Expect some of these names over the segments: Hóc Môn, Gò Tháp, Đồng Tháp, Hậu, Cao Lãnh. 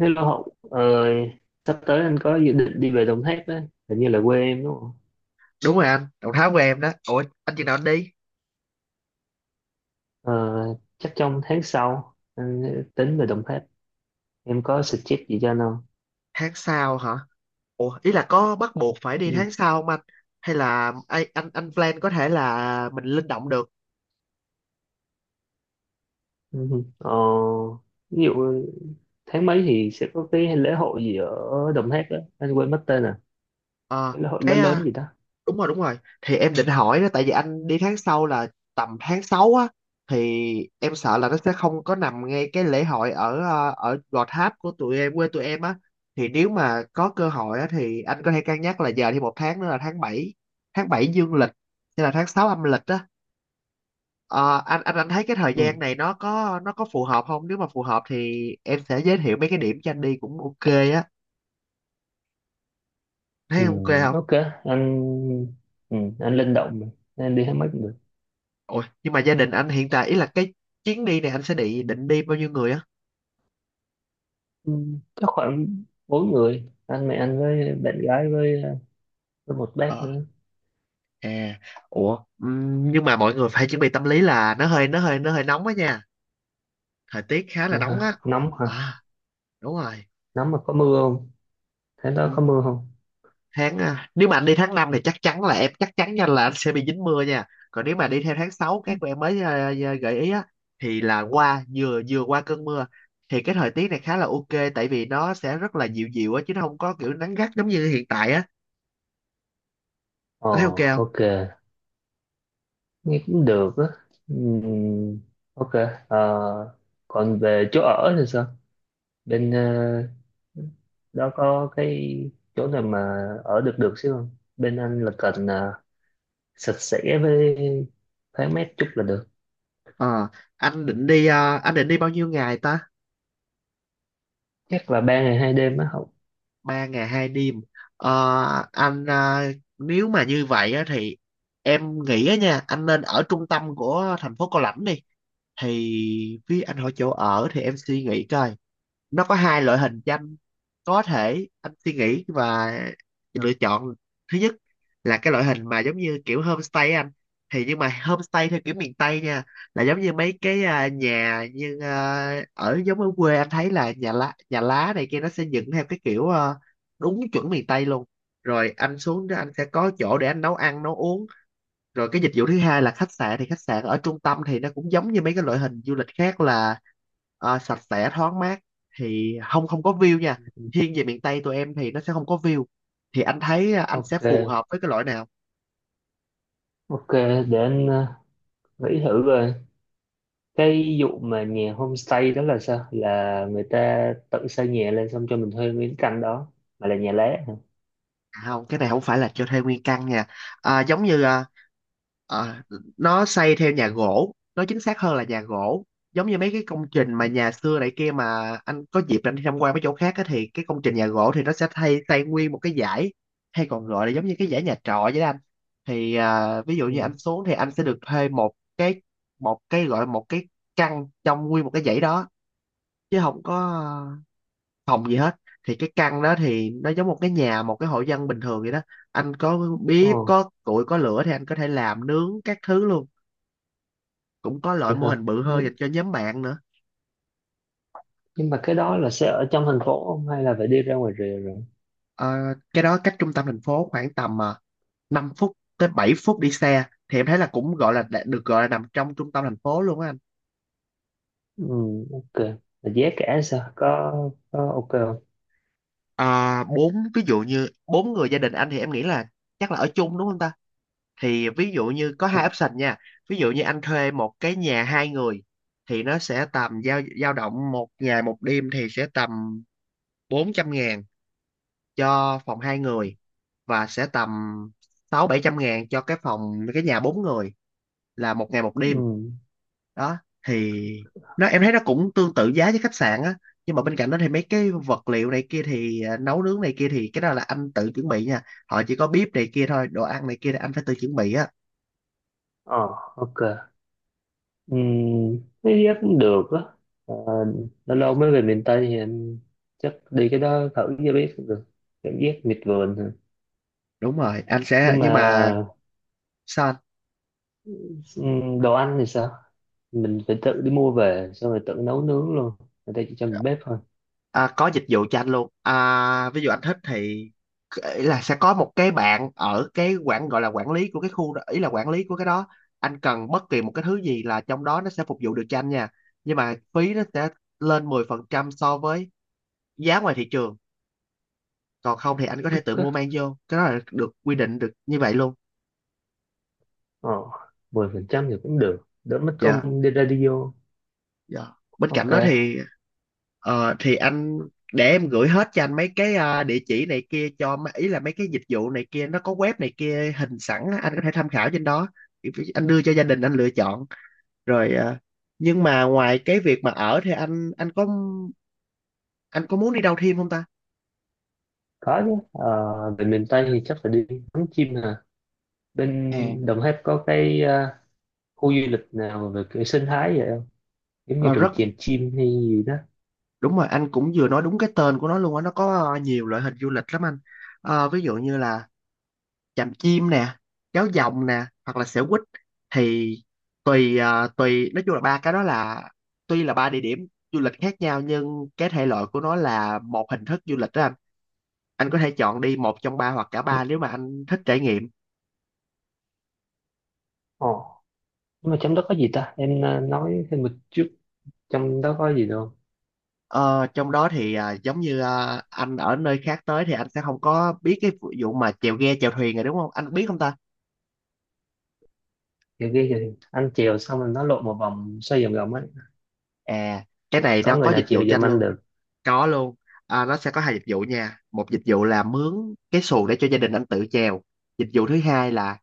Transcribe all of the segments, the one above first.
Hello Hậu, sắp tới anh có dự định đi về Đồng Tháp đấy, hình như là quê em đúng không? Đúng rồi anh, Đồng Tháp của em đó. Ủa, anh chừng nào anh đi? Ờ, Chắc trong tháng sau anh tính về Đồng Tháp, em có suggest gì cho anh không? Tháng sau hả? Ủa, ý là có bắt buộc phải đi Ừ, tháng sau không anh? Hay là anh plan có thể là mình linh động được. ừ. Ừ. Ví dụ tháng mấy thì sẽ có cái lễ hội gì ở Đồng Tháp đó, anh quên mất tên à, ờ cái lễ hội cái lớn lớn à, gì đó. đúng rồi đúng rồi, thì em định hỏi đó, tại vì anh đi tháng sau là tầm tháng 6 á, thì em sợ là nó sẽ không có nằm ngay cái lễ hội ở Gò Tháp của tụi em, quê tụi em á. Thì nếu mà có cơ hội á thì anh có thể cân nhắc là giờ thì một tháng nữa là tháng bảy, tháng 7 dương lịch hay là tháng 6 âm lịch á. Anh thấy cái thời Ừ, gian này nó có phù hợp không? Nếu mà phù hợp thì em sẽ giới thiệu mấy cái điểm cho anh đi cũng ok á. Thấy ừ, ok không? ok, anh anh linh động mà, anh đi tháng mấy cũng được. Ôi, nhưng mà gia đình anh hiện tại ý là cái chuyến đi này anh sẽ định định đi bao nhiêu người á? Ừ, chắc khoảng bốn người, anh mẹ anh với bạn gái với một bác Ờ, nữa. à, ủa, nhưng mà mọi người phải chuẩn bị tâm lý là nó hơi nóng á nha. Thời tiết khá là Dạ nóng hả? á. Nóng hả? À, đúng rồi. Nóng mà có mưa không? Thế đó có mưa không? Nếu mà anh đi tháng 5 thì chắc chắn là em chắc chắn nha, là anh sẽ bị dính mưa nha. Còn nếu mà đi theo tháng 6 các của em mới gợi ý á, thì là qua vừa vừa qua cơn mưa, thì cái thời tiết này khá là ok, tại vì nó sẽ rất là dịu dịu á, chứ nó không có kiểu nắng gắt giống như hiện tại á. Ồ, Anh thấy ok không? ok. Nghe cũng được á. Ừm, ok. Ờ, Còn về chỗ ở thì sao? Bên đó có cái chỗ nào mà ở được được xíu không? Bên anh là cần sạch sẽ với thoáng mát chút là được. Ờ anh định đi ờ, anh định đi bao nhiêu ngày ta? Chắc là 3 ngày 2 đêm á. Không. Ba ngày hai đêm? Ờ anh ờ, nếu mà như vậy á thì em nghĩ á nha, anh nên ở trung tâm của thành phố Cao Lãnh đi. Thì với anh hỏi chỗ ở thì em suy nghĩ coi, nó có hai loại hình tranh có thể anh suy nghĩ và lựa chọn. Thứ nhất là cái loại hình mà giống như kiểu homestay á anh, thì nhưng mà homestay theo kiểu miền Tây nha, là giống như mấy cái nhà, như ở giống ở quê, anh thấy là nhà lá này kia, nó sẽ dựng theo cái kiểu, đúng chuẩn miền Tây luôn. Rồi anh xuống đó anh sẽ có chỗ để anh nấu ăn nấu uống. Rồi cái dịch vụ thứ hai là khách sạn, thì khách sạn ở trung tâm thì nó cũng giống như mấy cái loại hình du lịch khác, là sạch sẽ thoáng mát, thì không không có view nha, thiên về miền Tây tụi em thì nó sẽ không có view. Thì anh thấy anh sẽ Ok. phù hợp với cái loại nào? Ok, để anh nghĩ thử rồi. Cái vụ mà nhà homestay đó là sao, là người ta tự xây nhà lên xong cho mình thuê miếng căn đó, mà là nhà lá hả? À không, cái này không phải là cho thuê nguyên căn nha. Giống như à, nó xây theo nhà gỗ, nó chính xác hơn là nhà gỗ. Giống như mấy cái công trình mà nhà xưa này kia, mà anh có dịp anh đi tham quan mấy chỗ khác á, thì cái công trình nhà gỗ thì nó sẽ thay xây nguyên một cái dãy, hay còn gọi là giống như cái dãy nhà trọ vậy đó anh. Thì ví dụ như Ừ. anh xuống thì anh sẽ được thuê một cái, một cái gọi là một cái căn trong nguyên một cái dãy đó, chứ không có phòng gì hết. Thì cái căn đó thì nó giống một cái nhà, một cái hộ dân bình thường vậy đó. Anh có Ồ, bếp có củi có lửa thì anh có thể làm nướng các thứ luôn. Cũng có loại vậy mô hả? hình bự hơn nhưng, dành cho nhóm bạn nữa. nhưng mà cái đó là sẽ ở trong thành phố không hay là phải đi ra ngoài rìa rồi? Ờ, cái đó cách trung tâm thành phố khoảng tầm 5 phút tới 7 phút đi xe, thì em thấy là cũng gọi là được gọi là nằm trong trung tâm thành phố luôn á anh. Ừ, ok, là giá cả sao, có ok không? À, bốn ví dụ như bốn người gia đình anh thì em nghĩ là chắc là ở chung đúng không ta? Thì ví dụ như có Ừ. hai option nha. Ví dụ như anh thuê một cái nhà hai người thì nó sẽ tầm dao dao động, một ngày một đêm thì sẽ tầm 400.000 cho phòng hai người, và sẽ tầm sáu bảy trăm ngàn cho cái phòng, cái nhà bốn người, là một ngày một đêm. Ừ. Đó thì nó, em thấy nó cũng tương tự giá với khách sạn á. Nhưng mà bên cạnh đó thì mấy cái vật liệu này kia thì, nấu nướng này kia thì cái đó là anh tự chuẩn bị nha. Họ chỉ có bếp này kia thôi, đồ ăn này kia là anh phải tự chuẩn bị á. Ờ, ok. Ừ, cái giá cũng được á. Ờ, Lâu lâu mới về miền Tây thì em chắc đi cái đó thử cho biết cũng được, cảm giác miệt vườn hả? Đúng rồi anh sẽ, Nhưng mà nhưng mà... Sao anh? Ừ, đồ ăn thì sao, mình phải tự đi mua về xong rồi tự nấu nướng luôn, người ta chỉ cho mình bếp thôi? Có dịch vụ cho anh luôn, ví dụ anh thích thì, ý là sẽ có một cái bạn ở cái quản, gọi là quản lý của cái khu đó, ý là quản lý của cái đó. Anh cần bất kỳ một cái thứ gì là trong đó nó sẽ phục vụ được cho anh nha, nhưng mà phí nó sẽ lên 10% so với giá ngoài thị trường. Còn không thì anh có thể tự mua Ok. mang vô, cái đó là được quy định được như vậy luôn. ờ 10% thì cũng được, đỡ mất Dạ. công đi radio. Dạ. Bên cạnh Ok. đó thì ờ, thì anh để em gửi hết cho anh mấy cái, địa chỉ này kia cho ý là mấy cái dịch vụ này kia, nó có web này kia hình sẵn á, anh có thể tham khảo trên đó. Anh đưa cho gia đình anh lựa chọn rồi. Nhưng mà ngoài cái việc mà ở thì anh có muốn đi đâu thêm không ta? Có chứ, về miền Tây thì chắc phải đi ngắm chim hả, À, bên Đồng Tháp có cái khu du lịch nào về cái sinh thái vậy không, giống như ờ, rừng rất chèm chim hay gì đó? đúng rồi, anh cũng vừa nói đúng cái tên của nó luôn á, nó có nhiều loại hình du lịch lắm anh. Ờ, ví dụ như là chạm chim nè, kéo dòng nè, hoặc là xẻo quýt. Thì tùy ờ, tùy nói chung là ba cái đó là, tuy là ba địa điểm du lịch khác nhau nhưng cái thể loại của nó là một hình thức du lịch đó anh. Anh có thể chọn đi một trong ba hoặc cả ba Ừ. nếu mà anh thích trải nghiệm. ờ nhưng mà trong đó có gì ta, em nói thêm một chút, trong đó có gì đâu? Ờ, trong đó thì giống như anh ở nơi khác tới thì anh sẽ không có biết cái vụ mà chèo ghe chèo thuyền rồi, đúng không, anh biết không ta? Kiểu kia thì anh chèo xong rồi nó lộ một vòng xoay vòng vòng ấy, À, cái này có nó có người nào dịch vụ chịu cho anh giùm anh luôn. được? Có luôn. À, nó sẽ có hai dịch vụ nha. Một dịch vụ là mướn cái xuồng để cho gia đình anh tự chèo. Dịch vụ thứ hai là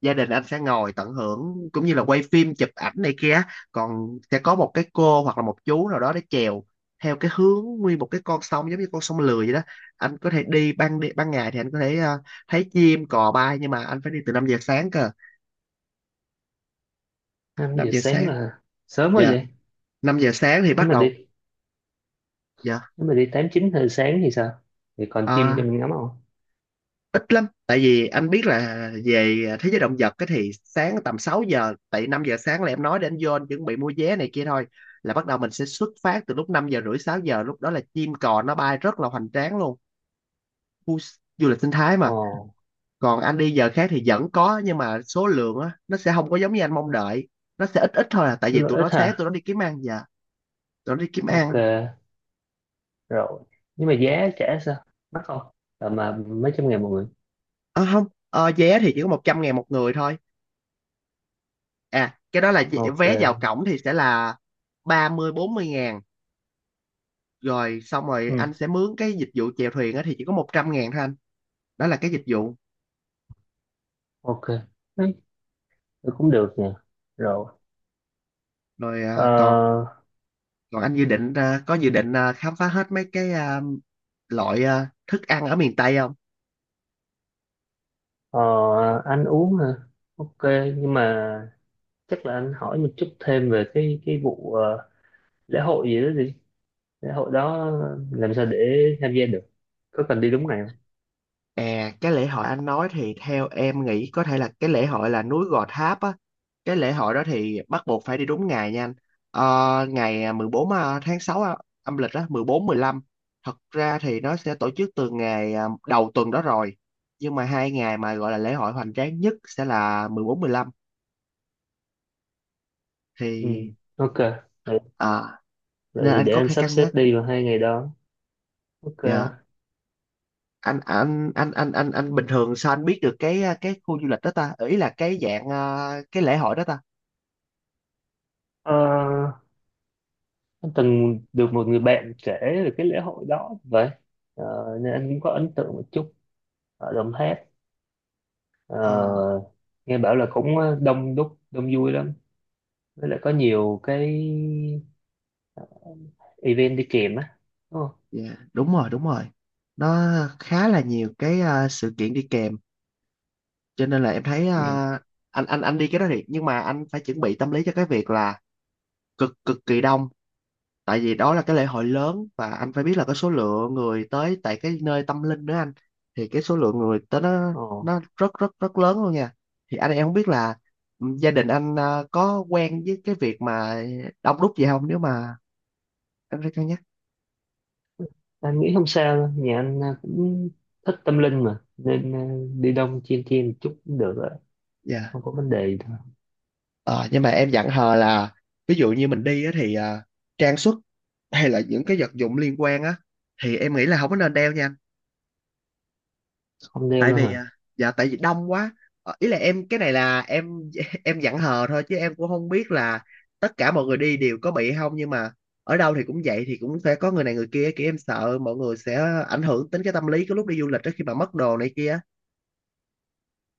gia đình anh sẽ ngồi tận hưởng cũng như là quay phim, chụp ảnh này kia á. Còn sẽ có một cái cô hoặc là một chú nào đó để chèo theo cái hướng nguyên một cái con sông, giống như con sông lười vậy đó. Anh có thể đi ban ngày thì anh có thể thấy chim cò bay, nhưng mà anh phải đi từ 5 giờ sáng cơ. 5 5 giờ giờ sáng sáng. là sớm quá Dạ. vậy. 5 giờ sáng thì Nếu bắt mà đầu. đi, Dạ. nếu mà đi tám chín giờ sáng thì sao, thì còn chim cho À, mình ngắm không? ít lắm, tại vì anh biết là về thế giới động vật, cái thì sáng tầm 6 giờ, tại 5 giờ sáng là em nói để anh vô anh chuẩn bị mua vé này kia thôi, là bắt đầu mình sẽ xuất phát từ lúc 5 giờ rưỡi, 6 giờ, lúc đó là chim cò nó bay rất là hoành tráng luôn. Khu du lịch sinh thái mà. Ồ, Còn anh đi giờ khác thì vẫn có, nhưng mà số lượng á nó sẽ không có giống như anh mong đợi, nó sẽ ít ít thôi à, tại nó vì lợi tụi ích nó sáng tụi hả? nó đi kiếm ăn giờ. Tụi nó đi kiếm Ok, ăn. rồi, nhưng mà giá trả sao, mắc không, tầm mà mấy trăm ngàn một người? Ờ không. Vé thì chỉ có 100.000 một người thôi. À, cái đó là vé vào Ok. cổng thì sẽ là ba mươi bốn mươi ngàn. Rồi xong rồi Ừ. anh sẽ mướn cái dịch vụ chèo thuyền á, thì chỉ có 100 ngàn thôi anh. Đó là cái dịch vụ. Ok. Đấy, thì cũng được nè. Rồi. Rồi. Còn ờ, còn anh dự định, có dự định, khám phá hết mấy cái, loại, thức ăn ở miền Tây không? ờ, anh uống hả? Ok, nhưng mà chắc là anh hỏi một chút thêm về cái vụ lễ hội gì đó. Thế hội đó làm sao để tham gia được, có cần đi đúng ngày không? À, cái lễ hội anh nói thì theo em nghĩ có thể là cái lễ hội là núi Gò Tháp á. Cái lễ hội đó thì bắt buộc phải đi đúng ngày nha anh. Ờ, ngày 14 à, tháng 6 á, âm lịch á, 14, 15. Thật ra thì nó sẽ tổ chức từ ngày đầu tuần đó rồi. Nhưng mà 2 ngày mà gọi là lễ hội hoành tráng nhất sẽ là 14, 15. Ừ. Thì Ok. Vậy, à, vậy nên thì anh để có anh thể sắp cân xếp nhắc. đi vào hai ngày đó. Ok. Dạ. Anh bình thường sao anh biết được cái khu du lịch đó ta? Ý là cái dạng cái lễ hội đó ta? Ờ, anh từng được một người bạn kể về cái lễ hội đó vậy. Ờ, Nên anh cũng có ấn tượng một chút ở Đồng Tháp. Ờ, Ờ, Nghe bảo là cũng đông đúc đông vui lắm, với lại có nhiều cái event đi kèm á, đúng không? dạ, đúng rồi, đúng rồi. Nó khá là nhiều cái sự kiện đi kèm, cho nên là em thấy Ừ. Anh đi cái đó thì nhưng mà anh phải chuẩn bị tâm lý cho cái việc là cực cực kỳ đông, tại vì đó là cái lễ hội lớn và anh phải biết là cái số lượng người tới tại cái nơi tâm linh nữa anh, thì cái số lượng người tới nó Ờ. nó rất rất rất lớn luôn nha. Thì anh em không biết là gia đình anh có quen với cái việc mà đông đúc gì không, nếu mà anh phải cân nhắc. Anh nghĩ không sao đâu, nhà anh à, cũng thích tâm linh mà nên à, đi đông chiên chiên một chút cũng được rồi, Dạ. không có vấn đề gì đâu. Ờ, nhưng mà em dặn hờ là ví dụ như mình đi á, thì trang sức hay là những cái vật dụng liên quan á thì em nghĩ là không có nên đeo nha anh. Không đeo Tại luôn vì hả? Dạ, tại vì đông quá. Ý là em, cái này là em em dặn hờ thôi, chứ em cũng không biết là tất cả mọi người đi đều có bị không, nhưng mà ở đâu thì cũng vậy, thì cũng sẽ có người này người kia, kiểu em sợ mọi người sẽ ảnh hưởng đến cái tâm lý cái lúc đi du lịch đó khi mà mất đồ này kia.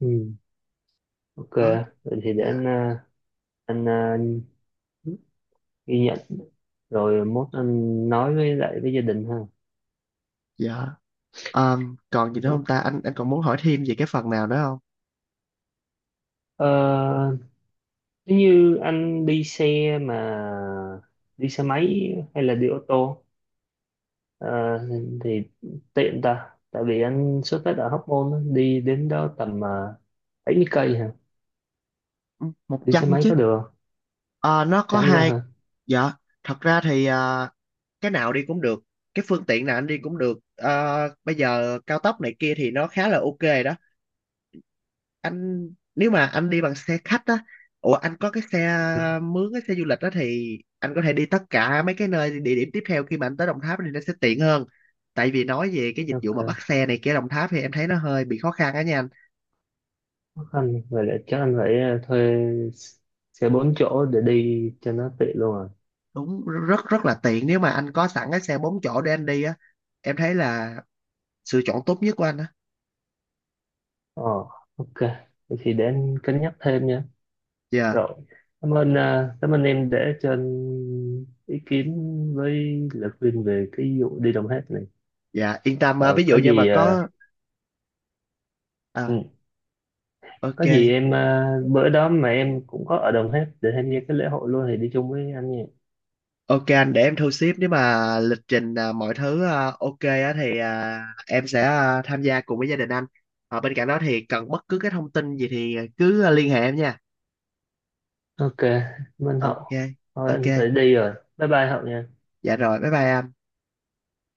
Ừ. Ok, Đó. vậy thì để anh Dạ. à, anh à, ghi nhận rồi mốt anh nói với lại với gia đình ha. Dạ. Ờ, còn gì nữa không ta, Ok. anh còn muốn hỏi thêm về cái phần nào nữa không? Ờ, Nếu như anh đi xe mà đi xe máy hay là đi ô tô ờ, thì tiện ta, tại vì anh xuất phát ở Hóc Môn á, đi đến đó tầm 70 cây hả, Ừ, một đi xe trăm máy chứ. có được? Ờ, nó có Chấm luôn hai. hả? Dạ, thật ra thì cái nào đi cũng được, cái phương tiện nào anh đi cũng được. Ờ, bây giờ cao tốc này kia thì nó khá là ok rồi đó anh. Nếu mà anh đi bằng xe khách á, ủa anh có cái xe, mướn cái xe du lịch đó, thì anh có thể đi tất cả mấy cái nơi địa điểm tiếp theo khi mà anh tới Đồng Tháp thì nó sẽ tiện hơn. Tại vì nói về cái dịch vụ mà Ok. bắt xe này kia ở Đồng Tháp thì em thấy nó hơi bị khó khăn á nha anh. Khó khăn. Vậy là chắc anh phải thuê xe bốn chỗ để đi cho nó tiện luôn rồi. Đúng, rất rất là tiện nếu mà anh có sẵn cái xe 4 chỗ để anh đi á, em thấy là sự chọn tốt nhất của anh á. Ờ, ok. Vậy thì để anh cân nhắc thêm nha. Dạ. Rồi. Cảm ơn em để cho anh ý kiến với lời khuyên về cái vụ đi Đồng Tháp này. Dạ, yên tâm Ờ, ví dụ có như mà gì, ờ, có à ừ, ok. có gì em bữa đó mà em cũng có ở Đồng Tháp để tham gia cái lễ hội luôn thì đi chung với anh nha. Ok anh, để em thu xếp nếu mà lịch trình mọi thứ ok á thì em sẽ tham gia cùng với gia đình anh. Bên cạnh đó thì cần bất cứ cái thông tin gì thì cứ liên hệ em nha. Ok. Cảm ơn Ok. Hậu. Thôi Ok, anh phải đi rồi. Bye bye Hậu nha. dạ rồi, bye bye anh.